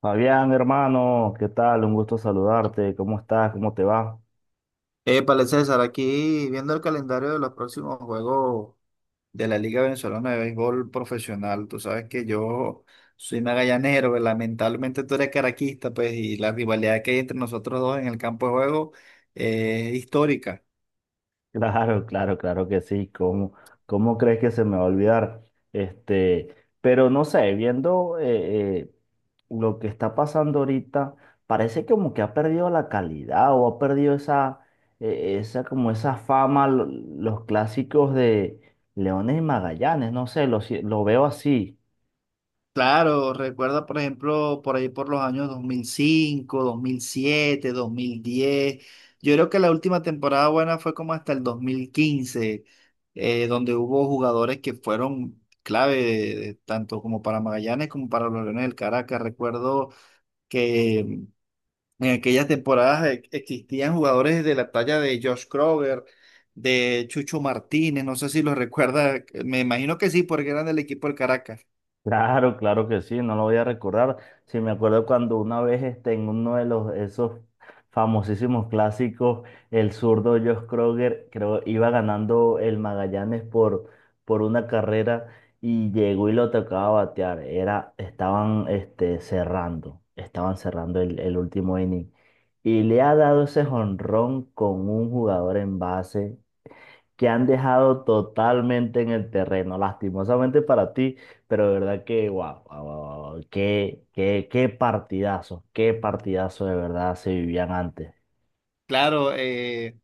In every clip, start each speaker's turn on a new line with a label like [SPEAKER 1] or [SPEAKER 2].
[SPEAKER 1] Fabián, hermano, ¿qué tal? Un gusto saludarte. ¿Cómo estás? ¿Cómo te va?
[SPEAKER 2] Épale, César, aquí viendo el calendario de los próximos juegos de la Liga Venezolana de Béisbol Profesional. Tú sabes que yo soy magallanero, pero lamentablemente tú eres caraquista, pues, y la rivalidad que hay entre nosotros dos en el campo de juego es histórica.
[SPEAKER 1] Claro, claro, claro que sí. ¿Cómo crees que se me va a olvidar? Este, pero no sé, viendo lo que está pasando ahorita, parece como que ha perdido la calidad o ha perdido esa como esa fama, los clásicos de Leones y Magallanes. No sé, lo, si- lo veo así.
[SPEAKER 2] Claro, recuerda, por ejemplo, por ahí por los años 2005, 2007, 2010. Yo creo que la última temporada buena fue como hasta el 2015, donde hubo jugadores que fueron clave, tanto como para Magallanes como para los Leones del Caracas. Recuerdo que en aquellas temporadas existían jugadores de la talla de Josh Kroger, de Chucho Martínez, no sé si los recuerda, me imagino que sí, porque eran del equipo del Caracas.
[SPEAKER 1] Claro, claro que sí, no lo voy a recordar. Sí, me acuerdo cuando una vez en uno de los esos famosísimos clásicos, el zurdo Josh Kroger, creo, iba ganando el Magallanes por una carrera y llegó y lo tocaba batear. Estaban estaban cerrando el último inning. Y le ha dado ese jonrón con un jugador en base que han dejado totalmente en el terreno, lastimosamente para ti, pero de verdad que, wow, wow, wow, wow, qué partidazo de verdad se vivían antes.
[SPEAKER 2] Claro.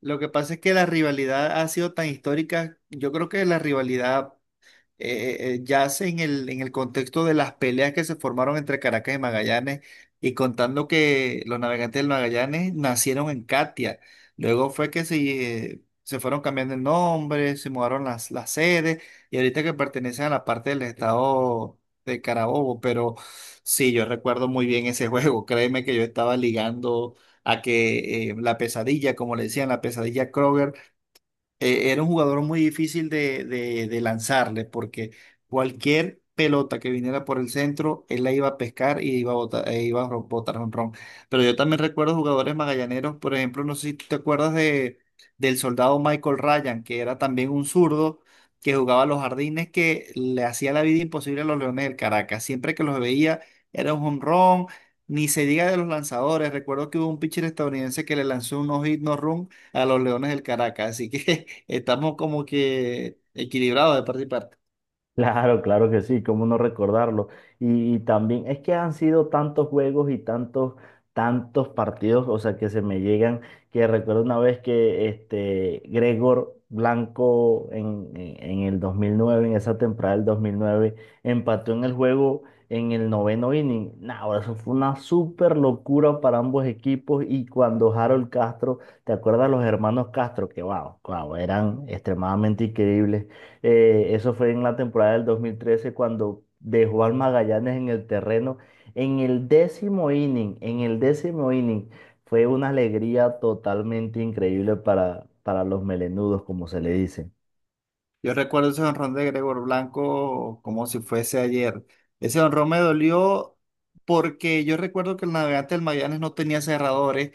[SPEAKER 2] Lo que pasa es que la rivalidad ha sido tan histórica. Yo creo que la rivalidad yace en el contexto de las peleas que se formaron entre Caracas y Magallanes, y contando que los navegantes del Magallanes nacieron en Catia. Luego fue que se, se fueron cambiando el nombre, se mudaron las sedes, y ahorita que pertenecen a la parte del estado de Carabobo. Pero sí, yo recuerdo muy bien ese juego. Créeme que yo estaba ligando a que la pesadilla, como le decían, la pesadilla Kroger era un jugador muy difícil de, de lanzarle, porque cualquier pelota que viniera por el centro, él la iba a pescar y iba a botar, e iba a botar jonrón. Pero yo también recuerdo jugadores magallaneros, por ejemplo, no sé si tú te acuerdas de, del soldado Michael Ryan, que era también un zurdo que jugaba a los jardines, que le hacía la vida imposible a los Leones del Caracas. Siempre que los veía era un jonrón. Ni se diga de los lanzadores. Recuerdo que hubo un pitcher estadounidense que le lanzó un no-hit, no-run a los Leones del Caracas. Así que estamos como que equilibrados de parte y parte.
[SPEAKER 1] Claro, claro que sí, cómo no recordarlo. Y también es que han sido tantos juegos y tantos partidos, o sea, que se me llegan, que recuerdo una vez que este Gregor Blanco en el 2009 en esa temporada del 2009 empató en el juego en el noveno inning. Nah, ahora eso fue una súper locura para ambos equipos y cuando Harold Castro, ¿te acuerdas los hermanos Castro? Que wow, wow, eran extremadamente increíbles eso fue en la temporada del 2013 cuando dejó al Magallanes en el terreno. En el décimo inning, en el décimo inning, fue una alegría totalmente increíble para los melenudos, como se le dice.
[SPEAKER 2] Yo recuerdo ese jonrón de Gregor Blanco como si fuese ayer. Ese jonrón me dolió porque yo recuerdo que el navegante del Magallanes no tenía cerradores,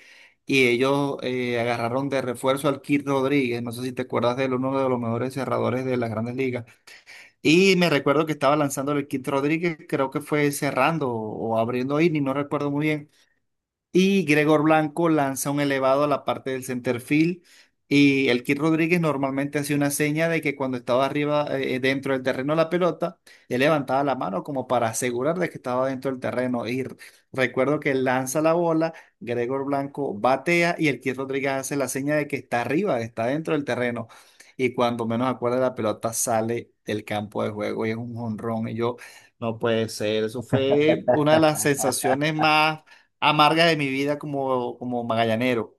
[SPEAKER 2] y ellos agarraron de refuerzo al Kid Rodríguez. No sé si te acuerdas de él, uno de los mejores cerradores de las grandes ligas. Y me recuerdo que estaba lanzando el Kid Rodríguez, creo que fue cerrando o abriendo inning, no recuerdo muy bien. Y Gregor Blanco lanza un elevado a la parte del center field. Y el Kid Rodríguez normalmente hacía una seña de que cuando estaba arriba, dentro del terreno la pelota, él levantaba la mano como para asegurar de que estaba dentro del terreno. Y recuerdo que lanza la bola, Gregor Blanco batea y el Kid Rodríguez hace la seña de que está arriba, está dentro del terreno. Y cuando menos acuerda, la pelota sale del campo de juego y es un jonrón. Y yo, no puede ser. Eso fue una de las sensaciones más amargas de mi vida como, como magallanero.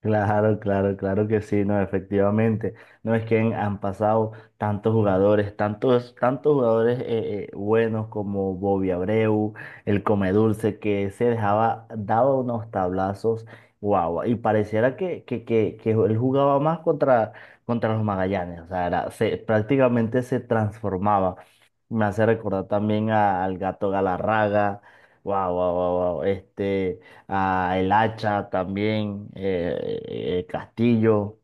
[SPEAKER 1] Claro, claro, claro que sí, no, efectivamente. No es que han pasado tantos jugadores, tantos jugadores buenos como Bobby Abreu, el Comedulce, que se dejaba, daba unos tablazos, guau, y pareciera que él jugaba más contra los Magallanes, o sea, prácticamente se transformaba. Me hace recordar también al Gato Galarraga, wow, wow, wow, wow, a El Hacha también, Castillo.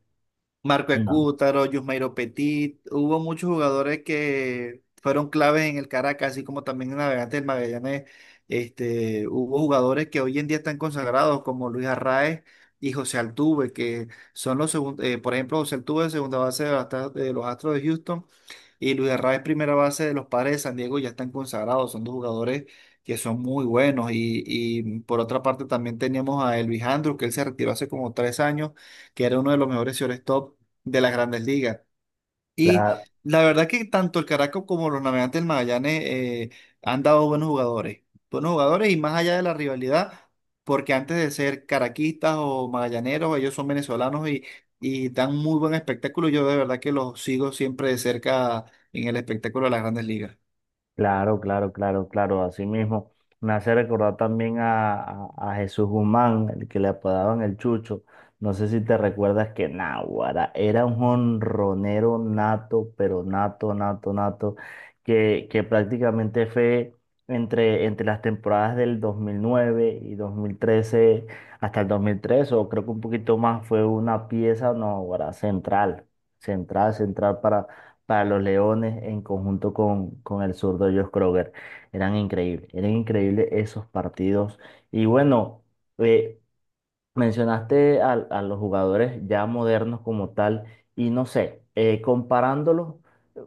[SPEAKER 2] Marco
[SPEAKER 1] Mm.
[SPEAKER 2] Escútaro, Yusmeiro Petit, hubo muchos jugadores que fueron claves en el Caracas, así como también en Navegantes del Magallanes. Este, hubo jugadores que hoy en día están consagrados, como Luis Arraez y José Altuve, que son los segundos. Por ejemplo, José Altuve, segunda base de, las de los Astros de Houston, y Luis Arraez, primera base de los Padres de San Diego, ya están consagrados, son dos jugadores que son muy buenos. Y por otra parte, también teníamos a Elvis Andrus, que él se retiró hace como 3 años, que era uno de los mejores shortstop de las grandes ligas. Y
[SPEAKER 1] La,
[SPEAKER 2] la verdad que tanto el Caracas como los Navegantes del Magallanes han dado buenos jugadores, buenos jugadores, y más allá de la rivalidad, porque antes de ser caraquistas o magallaneros, ellos son venezolanos y dan muy buen espectáculo. Yo de verdad que los sigo siempre de cerca en el espectáculo de las grandes ligas.
[SPEAKER 1] Claro, claro, claro, claro, así mismo. Me hace recordar también a Jesús Guzmán, el que le apodaban el Chucho. No sé si te recuerdas que Náguara era un jonronero nato, pero nato, nato, nato, que prácticamente fue entre las temporadas del 2009 y 2013 hasta el 2003 o creo que un poquito más, fue una pieza Náguara central, central, central para los Leones en conjunto con el zurdo Josh Kroger. Eran increíbles esos partidos. Y bueno, eh, mencionaste los jugadores ya modernos como tal, y no sé, comparándolos, eh,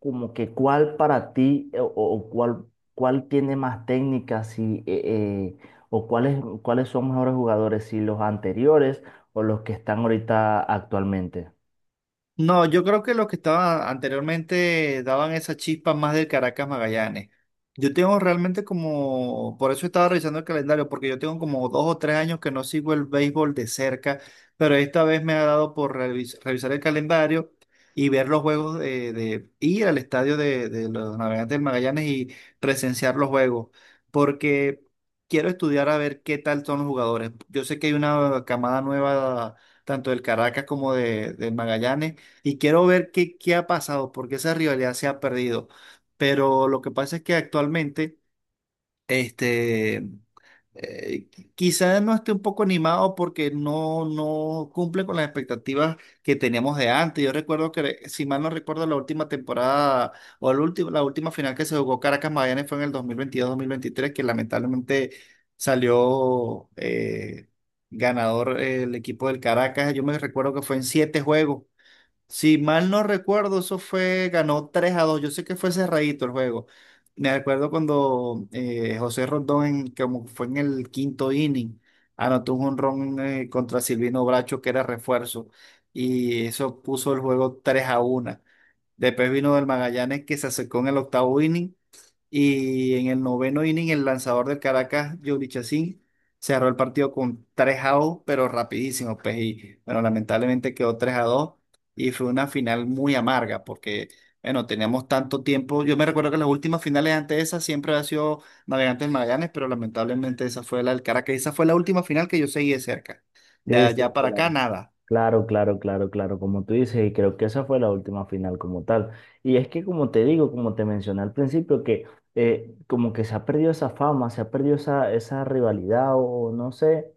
[SPEAKER 1] como que cuál para ti o cuál tiene más técnicas si, eh, o cuáles son mejores jugadores, si los anteriores o los que están ahorita actualmente.
[SPEAKER 2] No, yo creo que los que estaban anteriormente daban esa chispa más del Caracas Magallanes. Yo tengo realmente como, por eso estaba revisando el calendario, porque yo tengo como 2 o 3 años que no sigo el béisbol de cerca, pero esta vez me ha dado por revisar el calendario y ver los juegos de, ir al estadio de los Navegantes del Magallanes y presenciar los juegos, porque quiero estudiar a ver qué tal son los jugadores. Yo sé que hay una camada nueva, tanto del Caracas como de, del Magallanes, y quiero ver qué, qué ha pasado, porque esa rivalidad se ha perdido. Pero lo que pasa es que actualmente, este, eh, quizás no esté un poco animado porque no, no cumple con las expectativas que teníamos de antes. Yo recuerdo que, si mal no recuerdo, la última temporada o el último, la última final que se jugó Caracas Magallanes fue en el dos mil veintidós mil veintitrés, que lamentablemente salió ganador el equipo del Caracas. Yo me recuerdo que fue en siete juegos, si mal no recuerdo. Eso fue, ganó 3-2. Yo sé que fue cerradito el juego. Me acuerdo cuando José Rondón, como fue en el quinto inning, anotó un jonrón contra Silvino Bracho, que era refuerzo, y eso puso el juego tres a 1. Después vino del Magallanes, que se acercó en el octavo inning, y en el noveno inning, el lanzador del Caracas, Yuri Chacín, cerró el partido con 3-2, pero rapidísimo, pues. Y bueno, lamentablemente quedó 3-2, y fue una final muy amarga porque, bueno, teníamos tanto tiempo. Yo me recuerdo que las últimas finales antes de esa siempre había sido Navegantes del Magallanes, pero lamentablemente esa fue la del Caracas. Esa fue la última final que yo seguí de cerca. De
[SPEAKER 1] Sí, sí,
[SPEAKER 2] allá para
[SPEAKER 1] claro.
[SPEAKER 2] acá, nada.
[SPEAKER 1] Claro, claro, claro, claro, como tú dices, y creo que esa fue la última final como tal. Y es que como te digo, como te mencioné al principio, que como que se ha perdido esa fama, se ha perdido esa rivalidad o no sé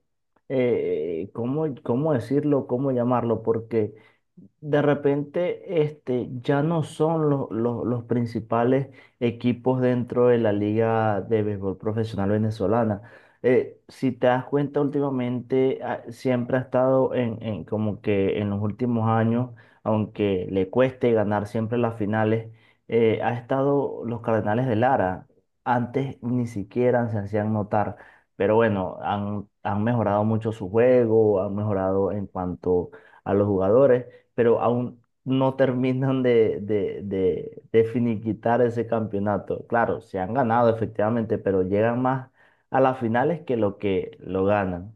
[SPEAKER 1] eh, cómo decirlo, cómo llamarlo, porque de repente ya no son los principales equipos dentro de la Liga de Béisbol Profesional Venezolana si te das cuenta últimamente, ah, siempre ha estado en como que en los últimos años, aunque le cueste ganar siempre las finales, ha estado los Cardenales de Lara. Antes ni siquiera se hacían notar, pero bueno, han mejorado mucho su juego, han mejorado en cuanto a los jugadores, pero aún no terminan de finiquitar ese campeonato. Claro, se han ganado efectivamente, pero llegan más a las finales que lo ganan.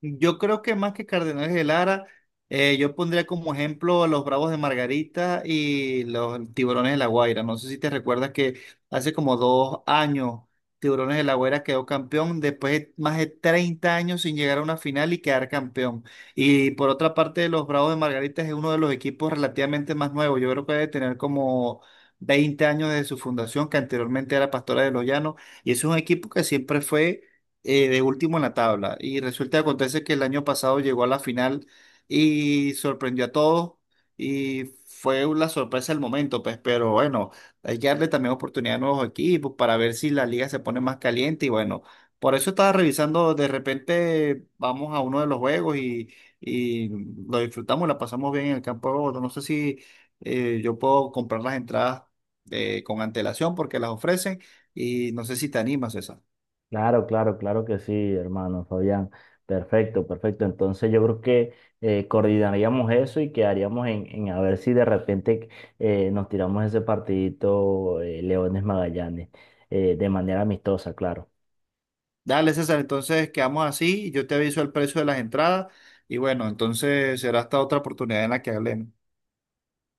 [SPEAKER 2] Yo creo que más que Cardenales de Lara, yo pondría como ejemplo a los Bravos de Margarita y los Tiburones de La Guaira. No sé si te recuerdas que hace como 2 años Tiburones de La Guaira quedó campeón después de más de 30 años sin llegar a una final y quedar campeón. Y por otra parte, los Bravos de Margarita es uno de los equipos relativamente más nuevos. Yo creo que debe tener como 20 años desde su fundación, que anteriormente era Pastora de los Llanos. Y es un equipo que siempre fue de último en la tabla. Y resulta que acontece que el año pasado llegó a la final y sorprendió a todos, y fue una sorpresa el momento, pues, pero bueno, hay que darle también oportunidad a nuevos equipos para ver si la liga se pone más caliente, y bueno, por eso estaba revisando, de repente vamos a uno de los juegos y lo disfrutamos, la pasamos bien en el campo de Bogotá. No sé si yo puedo comprar las entradas con antelación porque las ofrecen, y no sé si te animas, César.
[SPEAKER 1] Claro, claro, claro que sí, hermano Fabián. Perfecto, perfecto. Entonces yo creo que coordinaríamos eso y quedaríamos en a ver si de repente nos tiramos ese partidito Leones Magallanes de manera amistosa, claro.
[SPEAKER 2] Dale, César, entonces quedamos así, yo te aviso el precio de las entradas y bueno, entonces será hasta otra oportunidad en la que hablemos.